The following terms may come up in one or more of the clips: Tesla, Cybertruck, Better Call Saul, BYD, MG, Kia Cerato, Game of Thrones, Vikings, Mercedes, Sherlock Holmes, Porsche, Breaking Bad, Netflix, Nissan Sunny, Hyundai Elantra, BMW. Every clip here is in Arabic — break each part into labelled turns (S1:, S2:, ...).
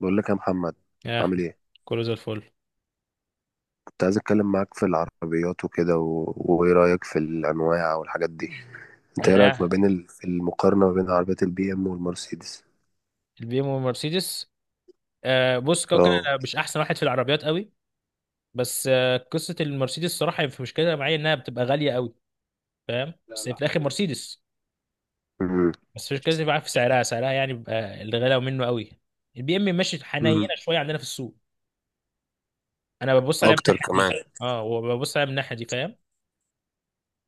S1: بقول لك يا محمد،
S2: يا
S1: عامل
S2: احمد.
S1: ايه؟
S2: كله زي الفل.
S1: كنت عايز اتكلم معاك في العربيات وكده و... وايه رايك في الانواع والحاجات دي؟ انت ايه
S2: انا
S1: رايك ما
S2: يا
S1: بين في المقارنه ما بين عربيات البي ام والمرسيدس؟
S2: البي ام والمرسيدس. بص كده كده
S1: اه.
S2: انا مش احسن واحد في العربيات قوي. بس قصه المرسيدس الصراحه في مشكله معايا انها بتبقى غاليه قوي. فاهم، بس هي في الاخر مرسيدس.
S1: امم.
S2: بس مش كده معاك في سعرها، يعني بيبقى اللي غلاوه منه قوي. البي ام ماشي حنينه
S1: مم.
S2: شويه عندنا في السوق. انا ببص عليها من
S1: اكتر
S2: الناحيه دي.
S1: كمان.
S2: اه، وببص عليها من الناحيه دي فاهم.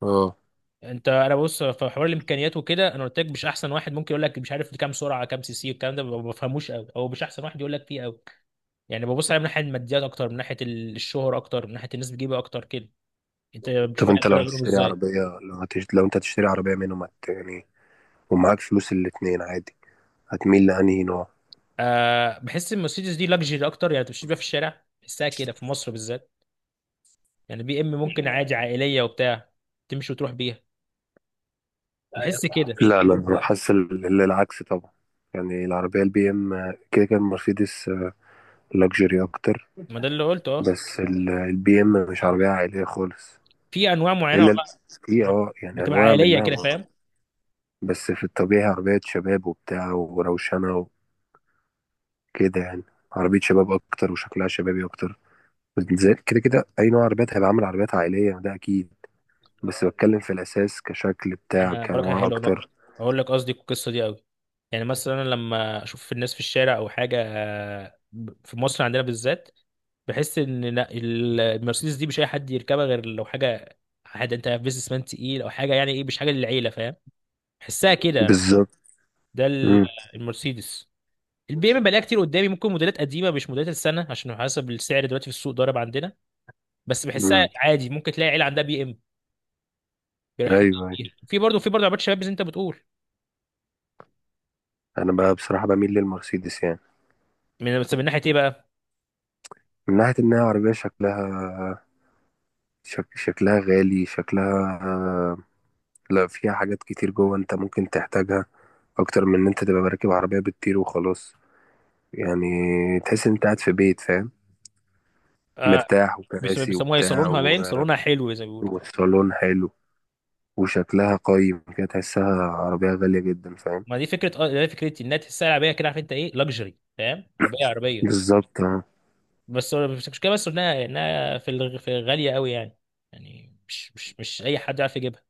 S1: اه.
S2: انا ببص في حوار الامكانيات وكده. انا قلت لك مش احسن واحد، ممكن يقول لك مش عارف كام سرعه، كام سي سي، والكلام ده ما بفهموش قوي، او مش احسن واحد يقول لك فيه قوي. يعني ببص عليها من ناحيه الماديات اكتر من ناحيه الشهر، اكتر من ناحيه الناس بتجيبها اكتر كده. انت
S1: طب
S2: بتشوف إيه
S1: انت لو
S2: الفرق بينهم
S1: هتشتري
S2: ازاي؟
S1: عربيه، لو انت هتشتري عربيه منهم، يعني ومعاك فلوس الاتنين عادي، هتميل لانهي نوع؟
S2: بحس ان المرسيدس دي لاكجري اكتر. يعني تمشي بيها في الشارع بحسها كده في مصر بالذات. يعني بي ام ممكن عادي عائليه وبتاع، تمشي وتروح بيها، بحس
S1: لا
S2: كده.
S1: لا، انا حاسس العكس طبعا. يعني العربيه البي ام كده كان مرسيدس لكجري اكتر.
S2: ما ده اللي قلته اه.
S1: بس البي ام مش عربية عائلية خالص.
S2: في انواع معينه
S1: الا ال-
S2: والله،
S1: في
S2: يعني
S1: يعني
S2: بتبقى
S1: انواع
S2: عائليه
S1: منها
S2: كده فاهم.
S1: بس في الطبيعي عربية شباب وبتاع وروشنة وكده يعني، عربية شباب اكتر وشكلها شبابي اكتر. كده كده اي نوع عربيات هيبقى عامل عربيات عائلية ده اكيد، بس بتكلم في الاساس كشكل
S2: يعني
S1: بتاع،
S2: انا اقول لك
S1: كانواع
S2: حلوه نقطه،
S1: اكتر.
S2: اقول لك قصدي القصه دي قوي. يعني مثلا أنا لما اشوف الناس في الشارع او حاجه، في مصر عندنا بالذات بحس ان لا، المرسيدس دي مش اي حد يركبها غير لو حاجه، حد انت بيزنس مان تقيل او حاجه. يعني ايه؟ مش حاجه للعيله فاهم، بحسها كده انا.
S1: بالظبط.
S2: ده ال-
S1: امم.
S2: المرسيدس. البي ام بلاقيها كتير قدامي، ممكن موديلات قديمه مش موديلات السنه، عشان حسب السعر دلوقتي في السوق ضارب عندنا. بس بحسها
S1: امم.
S2: عادي، ممكن تلاقي عيله عندها بي ام
S1: ايوه.
S2: بيرحبوا
S1: أيوة.
S2: بيها، في برضه عربيات شباب زي انت بتقول.
S1: انا بقى بصراحة بميل للمرسيدس يعني،
S2: من ناحيه ايه بقى؟
S1: من ناحية انها عربية شكلها، شكلها غالي، شكلها، لا، فيها حاجات كتير جوه انت ممكن تحتاجها اكتر من ان انت تبقى راكب عربية بتطير وخلاص يعني. تحس ان انت قاعد في بيت فاهم،
S2: آه،
S1: مرتاح وكراسي
S2: بيسموها ايه،
S1: وبتاع
S2: صالونها باين، صالونها حلو زي ما بيقولوا.
S1: والصالون حلو، وشكلها قايم كده، تحسها عربية غالية جدا فاهم.
S2: ما دي فكره، اه دي فكرتي انها تحسها عربيه كده، عارف انت ايه لاكجري، فاهم، عربيه
S1: بالظبط. اه.
S2: بس المشكله بس انها في غاليه قوي يعني. يعني مش اي حد يعرف يجيبها.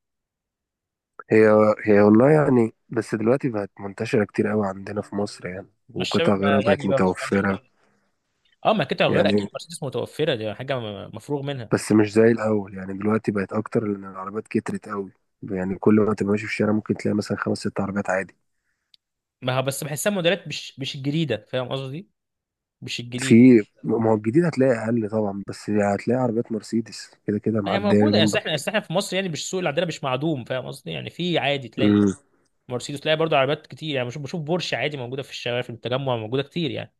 S1: هي هي والله يعني، بس دلوقتي بقت منتشرة كتير قوي عندنا في مصر يعني،
S2: ما
S1: وقطع
S2: الشباب
S1: غيرها
S2: بقى
S1: بقت
S2: غني بقى، ما تفهمش.
S1: متوفرة.
S2: اه، ما كده غير اكيد
S1: يعني
S2: مرسيدس متوفره، دي حاجه مفروغ منها.
S1: بس مش زي الأول يعني، دلوقتي بقت أكتر لأن العربيات كترت قوي. يعني كل ما تبقى ماشي في الشارع ممكن تلاقي مثلا خمس ست عربيات عادي.
S2: ما هو بس بحسها موديلات مش الجديده، فاهم قصدي؟ مش الجديده.
S1: في ما هو الجديد هتلاقي اقل طبعا، بس هتلاقي عربيات مرسيدس كده كده
S2: ما هي
S1: معديه
S2: موجوده،
S1: جنبك.
S2: اصل احنا في مصر يعني. مش السوق اللي عندنا مش معدوم، فاهم قصدي؟ يعني في، عادي تلاقي
S1: امم.
S2: مرسيدس، تلاقي برضه عربيات كتير. يعني بشوف بورش عادي موجوده في الشوارع، في التجمع موجوده كتير يعني.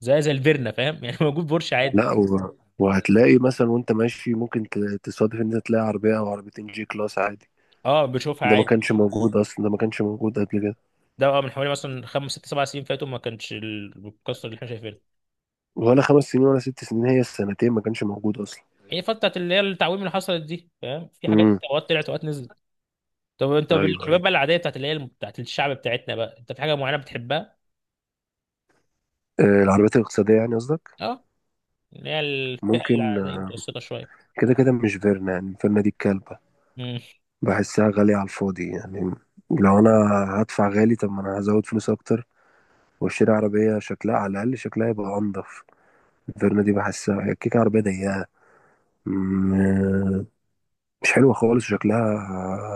S2: زي الفيرنا فاهم يعني موجود بورش عادي.
S1: لا و... وهتلاقي مثلا وانت ماشي ممكن تصادف ان انت تلاقي عربيه او عربيتين جي كلاس عادي.
S2: اه بشوفها
S1: ده ما
S2: عادي.
S1: كانش موجود اصلا، ده ما كانش موجود قبل كده.
S2: ده بقى من حوالي مثلا خمس ست سبع سنين فاتوا، ما كانش القصه اللي احنا شايفينها.
S1: ولا 5 سنين ولا 6 سنين، هي السنتين ما كانش موجود اصلا.
S2: هي فتره بتاعت اللي هي التعويم اللي حصلت دي فاهم، في حاجات
S1: امم.
S2: اوقات طلعت اوقات نزلت. طب انت
S1: ايوه.
S2: بالحباب
S1: ايوه.
S2: بقى، العاديه بتاعت اللي هي بتاعت الشعب بتاعتنا بقى، انت في حاجه معينه بتحبها؟
S1: آه، العربيات الاقتصاديه يعني قصدك؟
S2: اه، اللي هي الفئه
S1: ممكن.
S2: العاديه متوسطه شويه.
S1: كده كده مش فيرنا يعني. فيرنا دي الكلبه،
S2: امم
S1: بحسها غاليه على الفاضي يعني. لو انا هدفع غالي، طب ما انا هزود فلوس اكتر واشتري عربية شكلها على الأقل، شكلها يبقى أنضف. فيرنا دي بحسها هي كيكة، عربية ضيقة، م- مش حلوة خالص، شكلها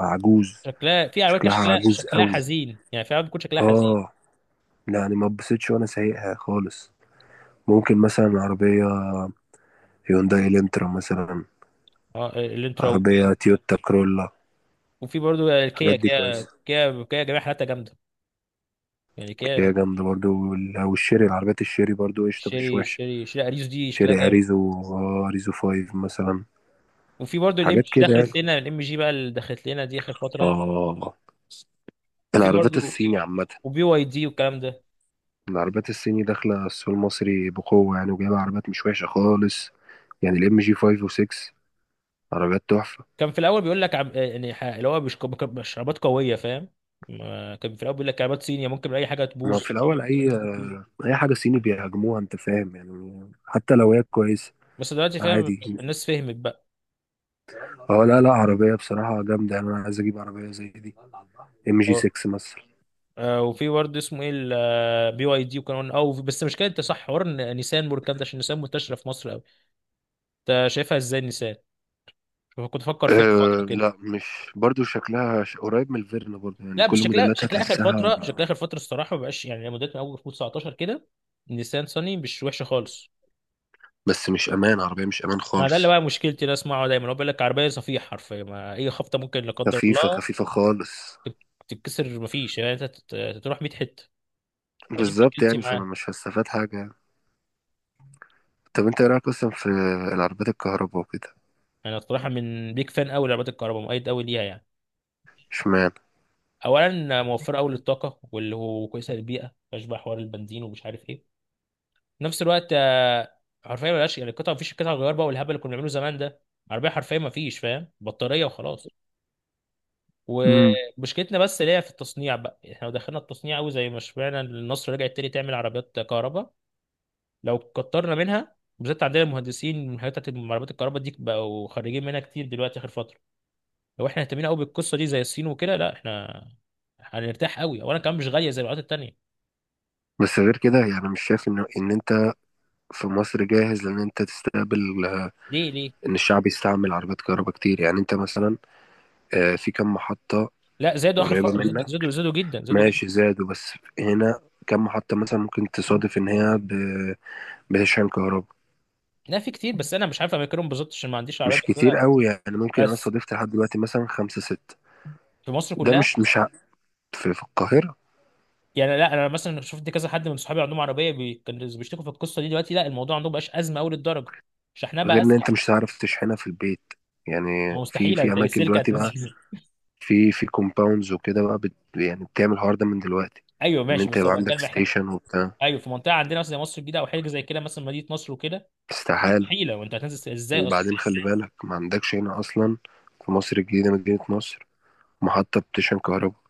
S1: عجوز.
S2: شكلها، في عربيات كده
S1: شكلها
S2: شكلها،
S1: عجوز قوي.
S2: حزين. يعني في عربيات بتكون شكلها حزين.
S1: اه، يعني ما اتبسطش وانا سايقها خالص. ممكن مثلا عربية هيونداي الانترا مثلا،
S2: اه الانترا،
S1: عربية
S2: وفي
S1: تويوتا كرولا.
S2: وفي برضه كيا
S1: الحاجات دي
S2: كيا
S1: كويسة.
S2: كيا كيا جميع حالاتها جامده. يعني
S1: هي
S2: كيا.
S1: جامدة برضو والشيري، العربيات الشيري برضو قشطة مش
S2: شيري
S1: وحشة.
S2: شيري شيري اريوس دي شكلها
S1: شيري
S2: جامد.
S1: أريزو، أريزو فايف مثلا،
S2: وفي برضو الام
S1: حاجات
S2: جي،
S1: كده يعني.
S2: دخلت لنا الام جي بقى اللي دخلت لنا دي اخر فتره.
S1: اه.
S2: وفي
S1: العربيات
S2: برضو
S1: الصيني عامة،
S2: وبي واي دي والكلام ده.
S1: العربيات الصيني داخلة السوق المصري بقوة، يعني وجايبة عربيات مش وحشة خالص. يعني الام جي 5 و6 عربيات تحفة.
S2: كان في الاول بيقول لك عم... آه، يعني اللي هو مش مشروبات قويه، فاهم؟ ما كان في الاول بيقول لك كعبات صينيه ممكن باي حاجه
S1: ما
S2: تبوظ.
S1: في الأول، أي حاجة صيني بيهاجموها أنت فاهم، يعني حتى لو هي كويسة.
S2: بس دلوقتي فاهم،
S1: عادي.
S2: الناس فهمت بقى.
S1: اه، لا لا، عربية بصراحة جامدة يعني، أنا عايز أجيب عربية زي دي، ام جي
S2: اه
S1: 6 مثلا.
S2: وفي برضه اسمه ايه، بي واي دي وكان او. بس مش كده، انت صح حوار إن نيسان والكلام ده، عشان نيسان منتشره في مصر قوي. انت شايفها ازاي نيسان؟ شوف، كنت بفكر فيها في
S1: أه
S2: فتره كده.
S1: لا، مش برضو، شكلها قريب من الفيرنا برضو، يعني
S2: لا بس
S1: كل
S2: شكلها،
S1: موديلاتها
S2: شكلها اخر
S1: تحسها.
S2: فتره شكلها اخر فتره الصراحه ما بقاش، يعني موديلات من اول 2019 كده. نيسان صني مش وحشه خالص.
S1: بس مش امان، عربية مش امان
S2: ما ده اللي
S1: خالص،
S2: بقى مشكلتي، ده اسمعه دايما، هو بيقول لك عربيه صفيح حرفيا، ما اي خبطه ممكن لا قدر
S1: خفيفة
S2: الله
S1: خفيفة خالص.
S2: تتكسر، ما فيش يعني انت تروح 100 حته. فدي
S1: بالظبط
S2: مشكلتي
S1: يعني، فانا
S2: معاه.
S1: مش هستفاد حاجة. طب انت ايه رايك اصلا في العربيات الكهرباء وكده؟
S2: انا الصراحه من بيك فان قوي لعربيات الكهرباء، مؤيد قوي ليها يعني.
S1: اشمعنى؟
S2: اولا موفره قوي للطاقه، واللي هو كويسه للبيئه، مفيهاش بقى حوار البنزين ومش عارف ايه. في نفس الوقت، حرفيا ملهاش يعني القطع، مفيش قطع غيار بقى والهبل اللي كنا بنعمله زمان ده. عربيه حرفيا مفيش فاهم، بطاريه وخلاص.
S1: امم.
S2: ومشكلتنا بس اللي هي في التصنيع بقى. احنا لو دخلنا التصنيع قوي، زي ما سمعنا إن النصر رجعت تاني تعمل عربيات كهرباء، لو كترنا منها، بالذات عندنا المهندسين من حاجات بتاعت عربيات الكهرباء دي بقوا خريجين منها كتير دلوقتي اخر فتره. لو احنا اهتمينا قوي بالقصه دي زي الصين وكده، لا احنا هنرتاح قوي، وانا كمان مش غاليه زي العربيات التانيه.
S1: بس غير كده يعني، مش شايف ان انت في مصر جاهز لان انت تستقبل
S2: ليه ليه؟
S1: ان الشعب يستعمل عربيات كهرباء كتير. يعني انت مثلا، في كم محطة
S2: لا زادوا اخر
S1: قريبة
S2: فتره، زادوا زادوا
S1: منك؟
S2: زادوا جدا،
S1: ماشي زادوا، بس هنا كم محطة مثلا ممكن تصادف ان هي بتشحن كهرباء؟
S2: لا في كتير، بس انا مش عارف اماكنهم بالظبط عشان ما عنديش عربيه.
S1: مش كتير قوي يعني، ممكن انا
S2: بس
S1: صادفت لحد دلوقتي مثلا خمسة ستة.
S2: في مصر
S1: ده
S2: كلها
S1: مش مش ع- في، في القاهرة.
S2: يعني. لا انا مثلا شفت كذا حد من صحابي عندهم عربيه كانوا بيشتكوا في القصه دي. دلوقتي لا، الموضوع عندهم بقاش ازمه قوي للدرجه، شحنها بقى
S1: غير ان
S2: اسهل.
S1: انت مش هتعرف تشحنها في البيت.
S2: ما
S1: يعني
S2: هو
S1: في
S2: مستحيل
S1: في
S2: انت
S1: اماكن
S2: السلك
S1: دلوقتي بقى،
S2: هتنزل.
S1: في كومباوندز وكده بقى، يعني بتعمل الحوار ده من دلوقتي،
S2: ايوه
S1: ان
S2: ماشي،
S1: انت
S2: بس
S1: يبقى
S2: ابقى
S1: عندك
S2: اكلم احنا.
S1: ستيشن وبتاع.
S2: ايوه في منطقه عندنا مثلا زي مصر الجديده، او حاجه زي كده مثلا مدينه نصر وكده،
S1: استحالة.
S2: مستحيله. وانت هتنزل ازاي اصلا؟
S1: وبعدين خلي بالك، ما عندكش هنا اصلا في مصر الجديدة مدينة نصر محطة بتشحن كهرباء،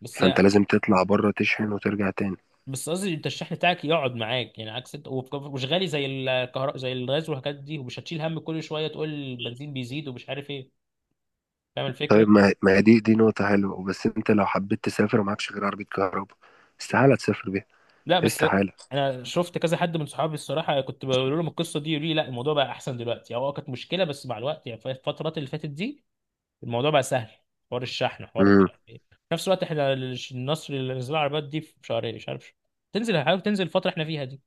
S2: بس
S1: فانت
S2: يع-
S1: لازم تطلع بره تشحن وترجع تاني.
S2: بس قصدي انت الشحن بتاعك يقعد معاك، يعني عكس ومش غالي زي الكهرباء، زي الغاز والحاجات دي، ومش هتشيل هم كل شويه تقول البنزين بيزيد ومش عارف ايه. فاهم الفكره؟
S1: طيب، ما هي دي نقطة حلوة، بس انت لو حبيت تسافر ومعكش غير عربية كهرباء استحالة تسافر بيها.
S2: لا بس
S1: استحالة.
S2: انا شفت كذا حد من صحابي الصراحه، كنت بقول لهم القصه دي يقولوا لي لا الموضوع بقى احسن دلوقتي، هو كانت مشكله بس مع الوقت يعني في الفترات اللي فاتت دي الموضوع بقى سهل. حوار الشحن، حوار مش
S1: امم.
S2: عارف ايه. في نفس الوقت احنا النصر اللي نزل العربيات دي في شهرين مش عارف، تنزل، حاول تنزل الفتره احنا فيها دي.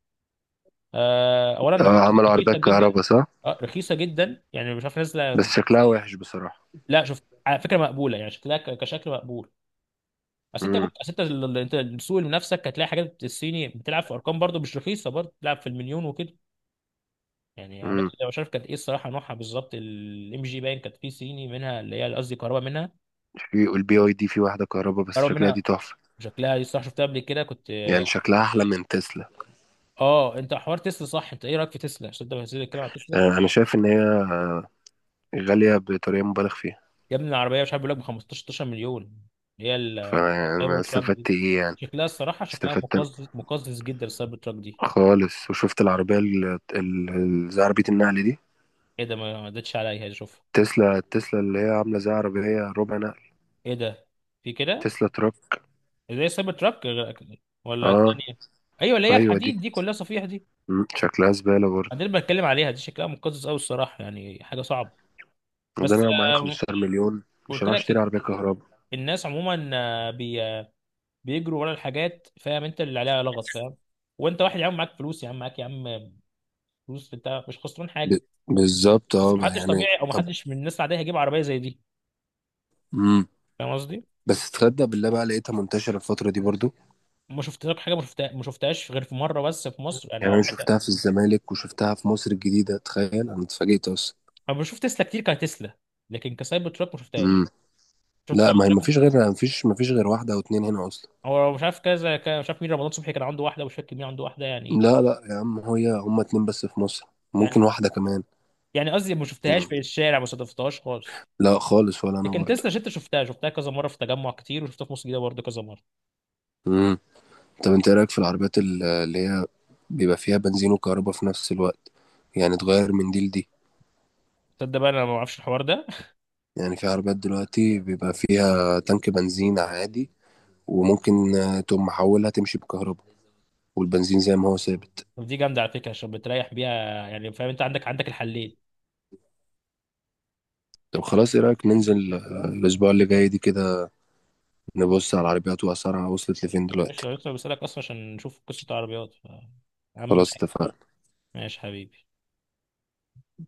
S2: آه، اولا
S1: اه
S2: رخيصه،
S1: عملوا
S2: رخيصة
S1: عربيات
S2: جدا
S1: كهرباء صح،
S2: اه رخيصه جدا يعني، مش عارف
S1: بس
S2: نازله.
S1: شكلها وحش بصراحة.
S2: لا شوف، على فكره مقبوله، يعني شكلها كشكل مقبول. اصل انت
S1: امم.
S2: انت السوق لنفسك هتلاقي حاجات الصيني بتلعب في ارقام، برضو مش رخيصه، برضو بتلعب في المليون وكده. يعني عامة
S1: امم.
S2: انا مش عارف كانت ايه الصراحه نوعها بالظبط. الام جي باين، كانت في صيني منها اللي هي قصدي كهرباء منها،
S1: في البي اي دي في واحدة كهرباء بس
S2: كهرباء
S1: شكلها دي
S2: منها
S1: تحفة،
S2: شكلها دي الصراحه شفتها قبل كده كنت.
S1: يعني شكلها أحلى من تسلا.
S2: اه، انت حوار تسلا صح، انت ايه رايك في تسلا عشان انت بتنزل تتكلم عن تسلا؟
S1: آه، أنا شايف إن هي غالية بطريقة مبالغ فيها،
S2: يا ابني العربيه مش عارف، بيقول لك ب 15 16 مليون، اللي هي السايبر
S1: فأنا
S2: تراك دي.
S1: استفدت إيه يعني؟
S2: شكلها الصراحه، شكلها
S1: استفدت
S2: مقزز، مقزز جدا السايبر تراك دي.
S1: خالص. وشفت العربية زي عربية النقل دي،
S2: ايه ده، ما عدتش عليا اشوفها.
S1: تسلا، تسلا اللي هي عاملة زي عربية ربع نقل،
S2: ايه ده، في كده
S1: تسلا تراك.
S2: زي السايبر تراك ولا
S1: اه.
S2: الثانيه؟ ايوه اللي هي
S1: أيوة دي.
S2: الحديد دي كلها صفيح دي.
S1: مم، شكلها زبالة برضه.
S2: دي اللي بتكلم عليها دي، شكلها مقزز قوي الصراحه، يعني حاجه صعبه.
S1: وده
S2: بس
S1: أنا لو معايا
S2: آه،
S1: 15 مليون مش
S2: قلت
S1: هروح أشتري
S2: لك
S1: عربية كهرباء.
S2: الناس عموما، آه، بي آه، بيجروا ورا الحاجات فاهم، انت اللي عليها لغط فاهم. وانت واحد يا عم معاك فلوس، يا عم معاك يا عم فلوس، انت مش خسران
S1: ب...
S2: حاجه.
S1: بالظبط،
S2: بس
S1: اه بقى،
S2: محدش
S1: يعني
S2: طبيعي، او
S1: طب.
S2: محدش من الناس العاديه هيجيب عربيه زي دي،
S1: مم.
S2: فاهم قصدي.
S1: بس تصدق بالله، بقى لقيتها منتشرة الفترة دي برضو،
S2: ما شفت لك حاجه، ما شفتها، ما شفتهاش غير في مره بس في مصر انا،
S1: يعني
S2: او
S1: انا
S2: حتى.
S1: شفتها في الزمالك وشفتها في مصر الجديده، تخيل، انا اتفاجئت اصلا.
S2: انا بشوف تسلا كتير كتسلا، لكن كسايبر تراك ما
S1: امم.
S2: شفتهاش. شفت
S1: لا،
S2: سايبر
S1: ما هي
S2: تراك دي؟
S1: ما فيش غير واحده او اتنين هنا اصلا.
S2: هو مش عارف، كذا مش عارف مين، رمضان صبحي كان عنده واحده ومش فاكر مين عنده واحده يعني.
S1: لا لا يا عم، هي هما اتنين بس في مصر، ممكن
S2: يعني
S1: واحده كمان.
S2: يعني قصدي ما شفتهاش
S1: مم.
S2: في الشارع، ما صادفتهاش خالص.
S1: لا خالص، ولا انا
S2: لكن
S1: برضه.
S2: تسلا شفتها، كذا مره في تجمع كتير، وشفتها في مصر الجديده برضه كذا مره.
S1: امم. طب انت ايه رايك في العربيات اللي هي بيبقى فيها بنزين وكهرباء في نفس الوقت؟ يعني تغير من دي لدي.
S2: تصدق بقى انا ما اعرفش الحوار ده.
S1: يعني في عربيات دلوقتي بيبقى فيها تانك بنزين عادي، وممكن تقوم محولها تمشي بكهرباء والبنزين زي ما هو ثابت.
S2: طب دي جامده على فكره، عشان بتريح بيها، يعني فاهم انت عندك، الحلين.
S1: طب خلاص، ايه رأيك ننزل الأسبوع اللي جاي دي كده، نبص على العربيات وأسعارها وصلت لفين دلوقتي؟
S2: ماشي، أنا لسه بسالك اصلا عشان نشوف قصه عربيات يا عم.
S1: خلاص، اتفقنا.
S2: ماشي حبيبي.